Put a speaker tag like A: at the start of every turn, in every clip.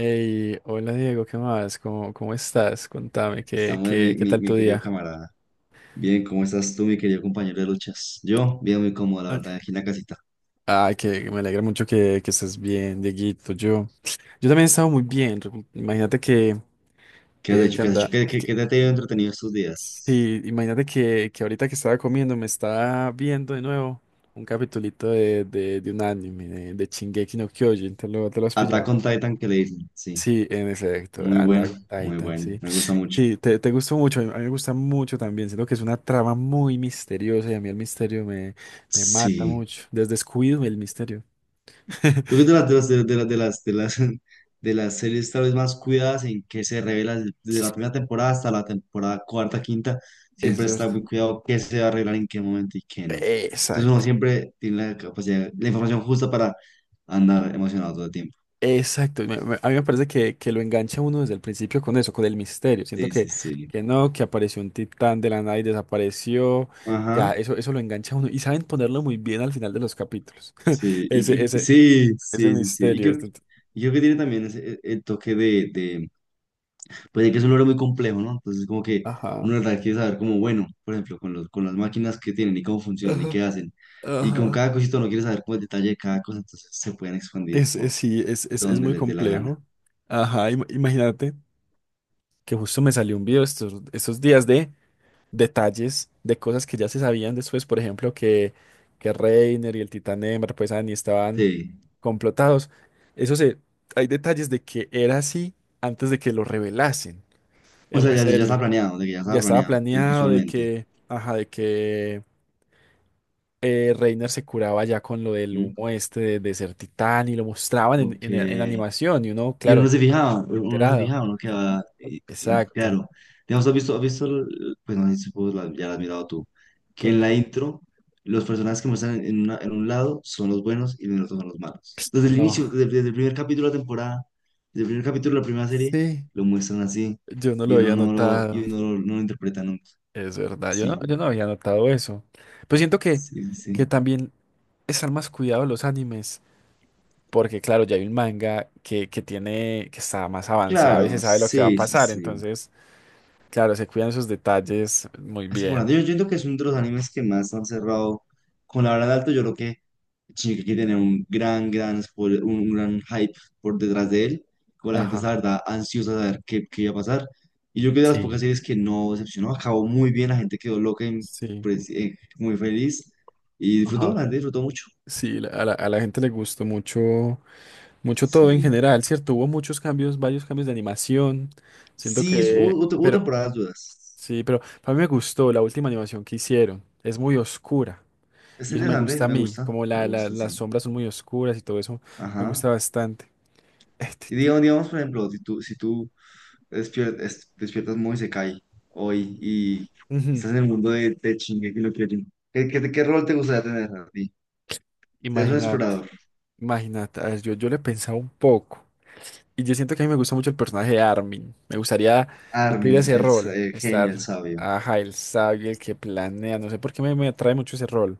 A: Hey, hola Diego, ¿qué más? ¿¿Cómo estás? Contame, ¿qué,
B: Samuel,
A: qué,
B: mi,
A: qué
B: mi,
A: tal
B: mi
A: tu
B: querido
A: día?
B: camarada. Bien, ¿cómo estás tú, mi querido compañero de luchas? Yo, bien, muy cómodo, la
A: Ok.
B: verdad, aquí en la casita.
A: Ay, que me alegra mucho que estés bien, Dieguito. Yo también he estado muy bien. Imagínate
B: ¿Qué has hecho?
A: que
B: ¿Qué has hecho?
A: anda.
B: ¿Qué, qué,
A: Que-
B: qué te ha tenido entretenido estos días?
A: sí, imagínate que ahorita que estaba comiendo me estaba viendo de nuevo un capitulito de un anime, de Shingeki no Kyojin. Te lo has
B: Attack
A: pillado?
B: on Titan, que le dicen. Sí,
A: Sí, en efecto,
B: muy bueno,
A: Attack on
B: muy
A: Titan,
B: bueno.
A: sí.
B: Me gusta mucho.
A: Sí, te gustó mucho, a mí me gusta mucho también. Siento que es una trama muy misteriosa y a mí el misterio me mata
B: Sí,
A: mucho, desde Scooby el misterio.
B: yo creo que de las, de las, de las, de las, de las, de las series tal vez más cuidadas en que se revela desde la primera temporada hasta la temporada cuarta, quinta,
A: Es
B: siempre está
A: verdad.
B: muy cuidado qué se va a arreglar en qué momento y qué no. Entonces uno
A: Exacto,
B: siempre tiene la capacidad, la información justa para andar emocionado todo el tiempo.
A: exacto. A mí me parece que lo engancha uno desde el principio con eso, con el misterio. Siento
B: Sí, sí, sí.
A: que no, que apareció un titán de la nada y desapareció. Ya,
B: Ajá.
A: eso lo engancha a uno. Y saben ponerlo muy bien al final de los capítulos.
B: Sí,
A: Ese, ese,
B: sí,
A: ese
B: sí, sí, sí.
A: misterio.
B: Y creo que tiene también el toque pues es que es un logro muy complejo, ¿no? Entonces, como que uno
A: Ajá.
B: de verdad quiere saber como, bueno, por ejemplo, con las máquinas que tienen y cómo funcionan y
A: Ajá.
B: qué hacen. Y con
A: Ajá.
B: cada cosito uno quiere saber como el detalle de cada cosa, entonces se pueden expandir por
A: Sí, es
B: donde
A: muy
B: les dé la gana.
A: complejo. Ajá, imagínate que justo me salió un video estos, estos días de detalles de cosas que ya se sabían después, por ejemplo, que Reiner y el Titán Ember, pues Annie estaban
B: Sí.
A: complotados. Eso se, hay detalles de que era así antes de que lo revelasen
B: O
A: en
B: sea,
A: la
B: ya está
A: serie.
B: planeado, de que ya está
A: Ya estaba
B: planeado, pues
A: planeado de
B: visualmente.
A: que, ajá, de que Reiner se curaba ya con lo del
B: ¿Mm?
A: humo este de ser titán y lo mostraban
B: Ok.
A: en animación y uno,
B: Y uno
A: claro,
B: no se fijaba, uno no se
A: enterado.
B: fijaba, uno quedaba,
A: Exacto.
B: claro. Digamos, has visto, pues no sé si supongo ya lo has mirado tú, que
A: Con
B: en la
A: to-
B: intro los personajes que muestran en, en un lado son los buenos y en el otro son los malos. Desde el
A: No.
B: inicio, desde el primer capítulo de la temporada, desde el primer capítulo de la primera serie,
A: Sí,
B: lo muestran así
A: yo no lo
B: y uno
A: había
B: no lo, y
A: notado.
B: uno no lo, no lo interpreta nunca.
A: Es verdad,
B: Sí,
A: yo no había notado eso. Pero siento
B: sí,
A: que
B: sí.
A: también están más cuidados los animes, porque claro, ya hay un manga que tiene, que está más avanzado y se
B: Claro,
A: sabe lo que va a
B: sí, sí,
A: pasar.
B: sí.
A: Entonces, claro, se cuidan esos detalles muy
B: Así por
A: bien.
B: ende, yo siento que es uno de los animes que más han cerrado con la verdad alto. Yo creo que Shingeki tiene un gran un gran hype por detrás de él. Con la gente, está,
A: Ajá.
B: la verdad, ansiosa de saber qué, qué iba a pasar. Y yo creo que de las
A: Sí.
B: pocas series que no decepcionó, acabó muy bien. La gente quedó loca, y,
A: Sí,
B: pues, muy feliz. Y disfrutó,
A: ajá.
B: la gente disfrutó mucho.
A: Sí, a la gente le gustó mucho, mucho todo en
B: Sí.
A: general, ¿cierto? Hubo muchos cambios, varios cambios de animación. Siento
B: Sí, hubo,
A: que,
B: hubo
A: pero
B: temporadas dudas.
A: sí, pero a mí me gustó la última animación que hicieron. Es muy oscura
B: Es
A: y eso me
B: interesante,
A: gusta a mí, como
B: me gusta,
A: las
B: sí.
A: sombras son muy oscuras y todo eso me
B: Ajá.
A: gusta bastante. Este,
B: Si
A: te-
B: digamos, digamos, por ejemplo, si tú despiertas muy Isekai hoy y
A: ujú.
B: estás en el mundo de Shingeki no Kyojin. ¿Qué rol te gustaría tener a ti? Seas un
A: Imagínate,
B: explorador.
A: imagínate. A ver, yo le pensaba un poco. Y yo siento que a mí me gusta mucho el personaje de Armin. Me gustaría cumplir
B: Armin,
A: ese rol,
B: el genio, el
A: estar,
B: sabio.
A: ajá, el sabio, el que planea. No sé por qué me atrae mucho ese rol,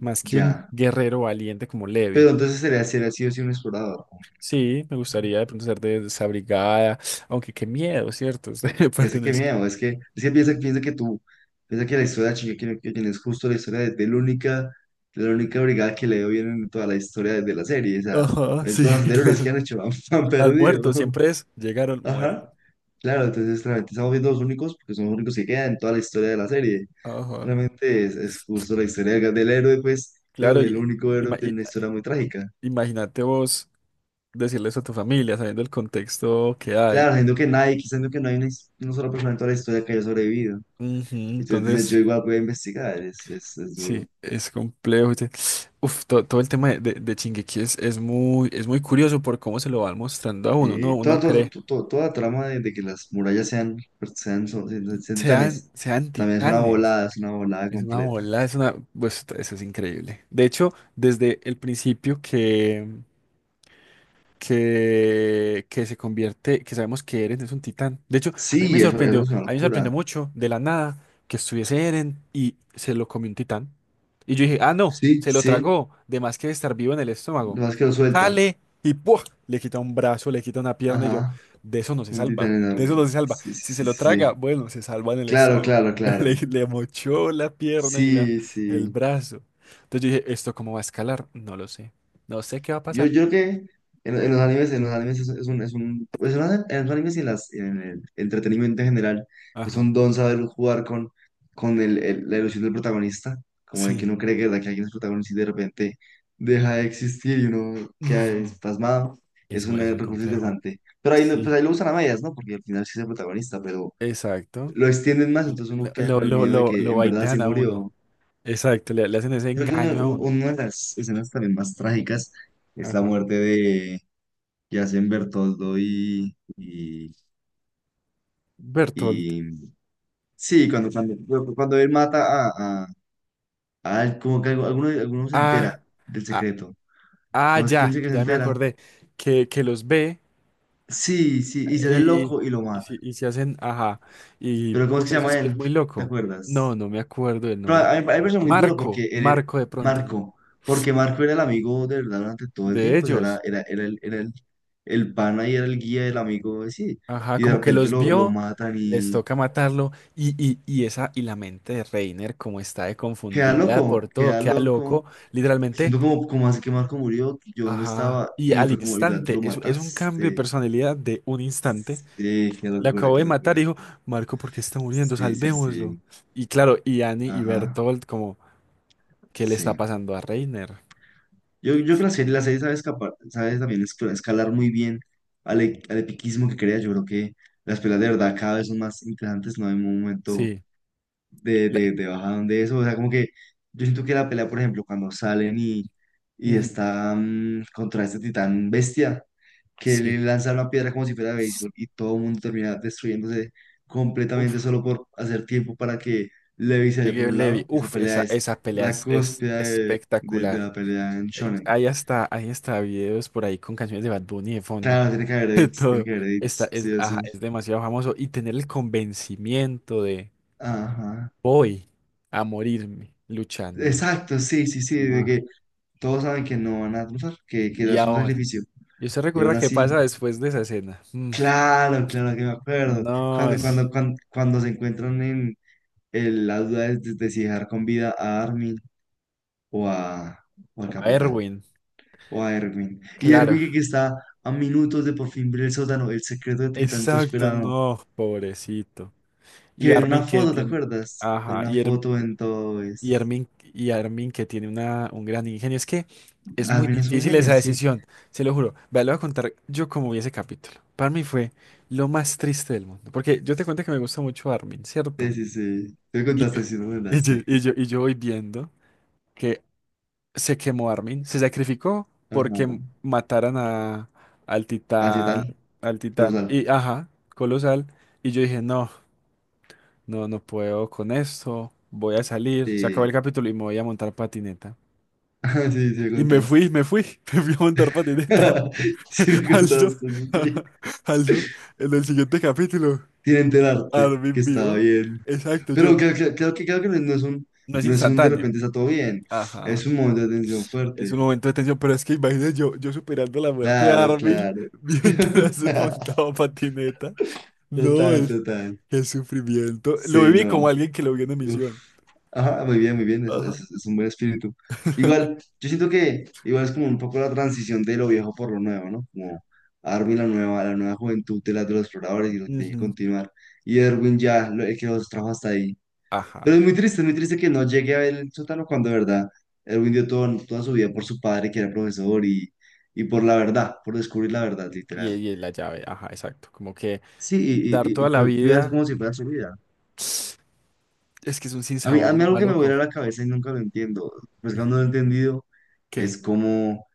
A: más que un
B: Ya.
A: guerrero valiente como Levi.
B: Pero entonces sería, sería sí o sí un explorador.
A: Sí, me gustaría de pronto ser de esa brigada, aunque qué miedo, ¿cierto? Ustedes
B: Ya sé
A: parten
B: qué
A: eso.
B: miedo. Es que piensa, piensa que tú, piensa que la historia de Shingeki no Kyojin es justo la historia de la única brigada que le dio bien en toda la historia de la serie. O sea,
A: Ajá,
B: en
A: sí,
B: todas las anteriores que
A: claro.
B: han hecho, han, han
A: Al
B: perdido.
A: muerto siempre es llegar al muerto.
B: Ajá. Claro, entonces realmente estamos viendo los únicos, porque son los únicos que quedan en toda la historia de la serie.
A: Ajá.
B: Realmente es justo la historia del, del héroe, pues, pero
A: Claro,
B: del
A: y,
B: único héroe
A: ima- y-
B: tiene una historia muy trágica.
A: imagínate vos decirle eso a tu familia, sabiendo el contexto que hay.
B: Claro, siendo que nadie, quizás siendo que no hay una, una sola persona en toda la historia que haya sobrevivido.
A: Ujú,
B: Y tú dices, yo
A: entonces.
B: igual voy a investigar, es
A: Sí,
B: duro.
A: es complejo. ¿Viste? Uf, todo el tema de Shingeki es muy curioso por cómo se lo van mostrando a uno. Uno,
B: Y
A: uno
B: toda, toda,
A: cree,
B: toda, la trama de que las murallas sean, pues, sean, sean, sean titanes,
A: sean
B: también
A: titanes.
B: es una volada
A: Es una
B: completa.
A: bola, es una. Pues, eso es increíble. De hecho, desde el principio que se convierte, que sabemos que Eren es un titán. De hecho, a mí me
B: Sí, eso
A: sorprendió,
B: es una
A: a mí me
B: locura.
A: sorprendió mucho de la nada que estuviese Eren y se lo comió un titán. Y yo dije, ah, no,
B: Sí,
A: se lo
B: sí,
A: tragó, de más que estar vivo en el estómago.
B: lo más que lo suelta.
A: Sale y ¡pua! Le quita un brazo, le quita una pierna y yo,
B: Ajá.
A: de eso no se
B: Un
A: salva,
B: titán
A: de eso
B: enorme.
A: no se salva.
B: Sí,
A: Si se
B: sí, sí,
A: lo
B: sí.
A: traga,
B: Sí.
A: bueno, se salva en el
B: Claro,
A: estómago.
B: claro,
A: Pero
B: claro.
A: le mochó la pierna y la,
B: Sí,
A: el
B: sí.
A: brazo. Entonces yo dije, ¿esto cómo va a escalar? No lo sé. No sé qué va a
B: Yo,
A: pasar.
B: yo creo que en, en los animes es un, pues en los animes y en, en el entretenimiento en general, es
A: Ajá.
B: un don saber jugar con la ilusión del protagonista, como de que
A: Sí,
B: uno cree que alguien es protagonista y de repente deja de existir y uno queda
A: ujú,
B: espasmado. Es un
A: es muy
B: recurso
A: complejo.
B: interesante. Pero ahí,
A: Sí,
B: pues ahí lo usan a medias, ¿no? Porque al final sí es el protagonista, pero
A: exacto.
B: lo extienden más,
A: Le-
B: entonces uno
A: le-
B: queda
A: Lo,
B: con el
A: lo,
B: miedo de
A: lo,
B: que
A: lo
B: en verdad sí
A: baitean a uno.
B: murió.
A: Exacto, le hacen ese
B: Yo creo que
A: engaño a uno.
B: una de las escenas también más trágicas es la
A: Ajá.
B: muerte de Yacen Bertoldo
A: Bertolt.
B: y- sí, cuando él mata a él, como que alguno, alguno se entera
A: Ah,
B: del
A: ah,
B: secreto. ¿Cómo es quién se que se
A: ya me
B: entera?
A: acordé. Que los ve
B: Sí, sí, y se hace
A: y,
B: loco y lo
A: y,
B: mata.
A: si- y se hacen, ajá. Y
B: Pero ¿cómo es que
A: uf,
B: se
A: eso
B: llama
A: es
B: él?
A: muy
B: ¿Te
A: loco. No,
B: acuerdas?
A: no me acuerdo del
B: Pero
A: nombre.
B: a mí me parece muy duro porque
A: Marco,
B: él era-
A: Marco de pronto,
B: Marco, porque Marco era el amigo de verdad durante todo el
A: de
B: tiempo, o sea, era,
A: ellos.
B: era, era el pana y era el guía del amigo, sí,
A: Ajá,
B: y de
A: como que
B: repente
A: los
B: lo
A: vio,
B: matan
A: les
B: y
A: toca matarlo y esa y la mente de Reiner como está de
B: queda
A: confundida por
B: loco,
A: todo,
B: queda
A: queda loco,
B: loco. Me
A: literalmente,
B: siento como, como así que Marco murió, yo dónde
A: ajá,
B: estaba,
A: y
B: y
A: al
B: fue como, literal, tú
A: instante,
B: lo
A: es un cambio de
B: mataste.
A: personalidad de un instante,
B: Sí, qué
A: le
B: locura,
A: acabó de
B: qué
A: matar y
B: locura.
A: dijo, Marco, ¿por qué está muriendo?
B: Sí, sí,
A: Salvémoslo.
B: sí.
A: Y claro, y Annie y
B: Ajá,
A: Bertolt como, ¿qué le está
B: sí.
A: pasando a Reiner?
B: Yo creo que la serie sabe, escapar, sabe también escalar muy bien al, al epiquismo que crea. Yo creo que las peleas
A: Ujú.
B: de verdad cada vez son más interesantes, no hay un momento
A: Sí, la-
B: de bajadón de eso. O sea, como que yo siento que la pelea, por ejemplo, cuando salen y
A: ujú,
B: están contra este titán bestia, que le
A: sí.
B: lanza una piedra como si fuera de béisbol y todo el mundo termina destruyéndose completamente
A: Uf,
B: solo por hacer tiempo para que Levi se vaya por
A: Miguel
B: un
A: Levy,
B: lado. Esa
A: uf,
B: pelea
A: esa,
B: es
A: esa pelea
B: la
A: es
B: cúspide de, de
A: espectacular.
B: la pelea en Shonen.
A: Hay hasta videos por ahí con canciones de Bad Bunny de fondo.
B: Claro, tiene que haber
A: de
B: edits, tiene
A: todo.
B: que haber
A: Está,
B: edits,
A: es,
B: sí o sí.
A: ajá, es demasiado famoso. Y tener el convencimiento de
B: Ajá.
A: voy a morirme luchando.
B: Exacto, sí, sí, sí, de
A: No.
B: que todos saben que no van a triunfar, que
A: Y
B: es un
A: ahora.
B: sacrificio.
A: ¿Y usted
B: Y
A: recuerda
B: aún
A: qué
B: así,
A: pasa después de esa escena? Mm,
B: claro, claro que me acuerdo.
A: no, es
B: Cuando se encuentran en el, la duda de si dejar con vida a Armin o, a, o al
A: a
B: capitán
A: Erwin.
B: o a Erwin. Y
A: Claro.
B: Erwin que está a minutos de por fin ver el sótano, el secreto que tanto
A: Exacto,
B: esperaba.
A: no, pobrecito.
B: Que
A: Y
B: ver una
A: Armin que
B: foto, ¿te
A: tiene.
B: acuerdas? Ver
A: Ajá.
B: una
A: Y Ermin.
B: foto en todo
A: Y
B: eso.
A: Armin, y Armin que tiene una, un gran ingenio. Es que es
B: Ah,
A: muy
B: mira, es un
A: difícil
B: genio,
A: esa
B: sí.
A: decisión, se lo juro. Vea, le voy a contar yo cómo vi ese capítulo. Para mí fue lo más triste del mundo. Porque yo te cuento que me gusta mucho Armin,
B: Sí,
A: ¿cierto?
B: sí, sí. Te me
A: Y yo,
B: contaste, sí, no me
A: y yo,
B: contaste.
A: y yo, y yo voy viendo que se quemó Armin, se sacrificó
B: Ajá.
A: porque mataran a, al
B: Así
A: titán,
B: tal,
A: al
B: por
A: titán.
B: sal.
A: Y ajá, colosal. Y yo dije, no, no puedo con esto. Voy a salir, se acabó el
B: Sí.
A: capítulo y me voy a montar patineta.
B: Ah, sí, sí, me
A: Y
B: contaste.
A: me fui, me fui a montar patineta.
B: Sí, me
A: Alzo,
B: contaste, sí. Sí.
A: alzo, en el siguiente capítulo,
B: Sin enterarte que
A: Armin
B: estaba
A: vivo.
B: bien.
A: Exacto, yo.
B: Pero creo, creo que no es un,
A: No es
B: no es un de
A: instantáneo.
B: repente está todo bien.
A: Ajá.
B: Es un momento de tensión
A: Es
B: fuerte.
A: un momento de tensión, pero es que imagínate yo superando la muerte de
B: Claro,
A: Armin
B: claro.
A: mientras se montaba patineta. No,
B: Total,
A: es
B: total.
A: el sufrimiento. Lo
B: Sí,
A: viví como
B: no.
A: alguien que lo vio en
B: Uf.
A: emisión.
B: Ajá, muy bien, es,
A: Ajá.
B: es un buen espíritu. Igual, yo siento que igual es como un poco la transición de lo viejo por lo nuevo, ¿no? Como Armin, la nueva juventud de, la, de los exploradores y lo que tiene que
A: Ujú.
B: continuar. Y Erwin ya, lo, el que los trajo hasta ahí. Pero
A: Ajá.
B: es muy triste que no llegue a ver el sótano cuando de verdad Erwin dio todo, toda su vida por su padre, que era profesor, y por la verdad, por descubrir la verdad,
A: Y,
B: literal.
A: y la llave, ajá, exacto. Como que
B: Sí,
A: dar toda
B: y
A: la
B: cuidas
A: vida,
B: como si fuera su vida.
A: es que es un
B: A
A: sinsabor
B: mí
A: muy
B: algo que me vuela
A: maluco.
B: la cabeza y nunca lo entiendo, pues
A: Ujú.
B: cuando lo he entendido,
A: ¿Qué?
B: es como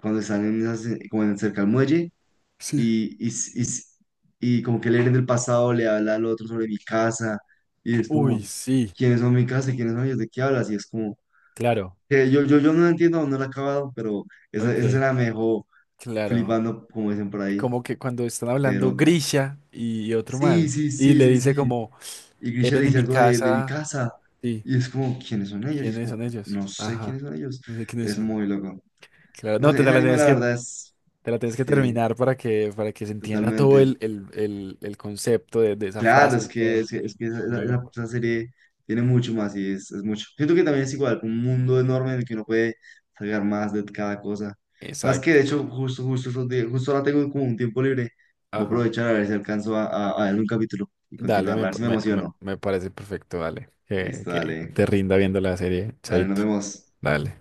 B: cuando están en como en cerca al muelle
A: Sí.
B: y, y, s- y, s- y como que el Eren del pasado le habla al otro sobre mi casa y es
A: Uy,
B: como,
A: sí,
B: ¿quiénes son mi casa y quiénes son ellos? ¿De qué hablas? Y es como,
A: claro.
B: que yo no lo entiendo, aún no lo he acabado, pero esa
A: Ok,
B: escena me dejó
A: claro.
B: flipando, como dicen por ahí,
A: Como que cuando están
B: qué
A: hablando
B: loco.
A: Grisha y otro
B: Sí,
A: man,
B: sí,
A: y
B: sí,
A: le
B: sí,
A: dice
B: sí.
A: como,
B: Y Grisha le
A: eran en
B: dice
A: mi
B: algo de mi
A: casa.
B: casa.
A: Sí,
B: Y es como, ¿quiénes son ellos? Y es
A: ¿quiénes
B: como,
A: son ellos?
B: no sé
A: Ajá,
B: quiénes son ellos.
A: no sé quiénes
B: Es
A: son.
B: muy loco.
A: Claro,
B: No
A: no,
B: sé,
A: te
B: ese
A: la
B: anime
A: tienes
B: la
A: que,
B: verdad es,
A: te la tienes que
B: sí,
A: terminar para que se entienda todo
B: totalmente.
A: el concepto de esa
B: Claro,
A: frase
B: es
A: y
B: que,
A: todo.
B: es que, es que esa,
A: Muy loco.
B: esa serie tiene mucho más y es mucho. Siento que también es igual, un mundo enorme en el que uno puede sacar más de cada cosa. Sabes que
A: Exacto,
B: de hecho, justo, justo, justo ahora tengo como un tiempo libre. Voy a
A: ajá.
B: aprovechar a ver si alcanzo a ver un capítulo y
A: Dale,
B: continuarla, a
A: me,
B: ver si me
A: me, me-
B: emociono.
A: me parece perfecto, dale.
B: Listo,
A: Que
B: dale.
A: te rinda viendo la serie,
B: Dale, nos
A: Chaito.
B: vemos.
A: Dale.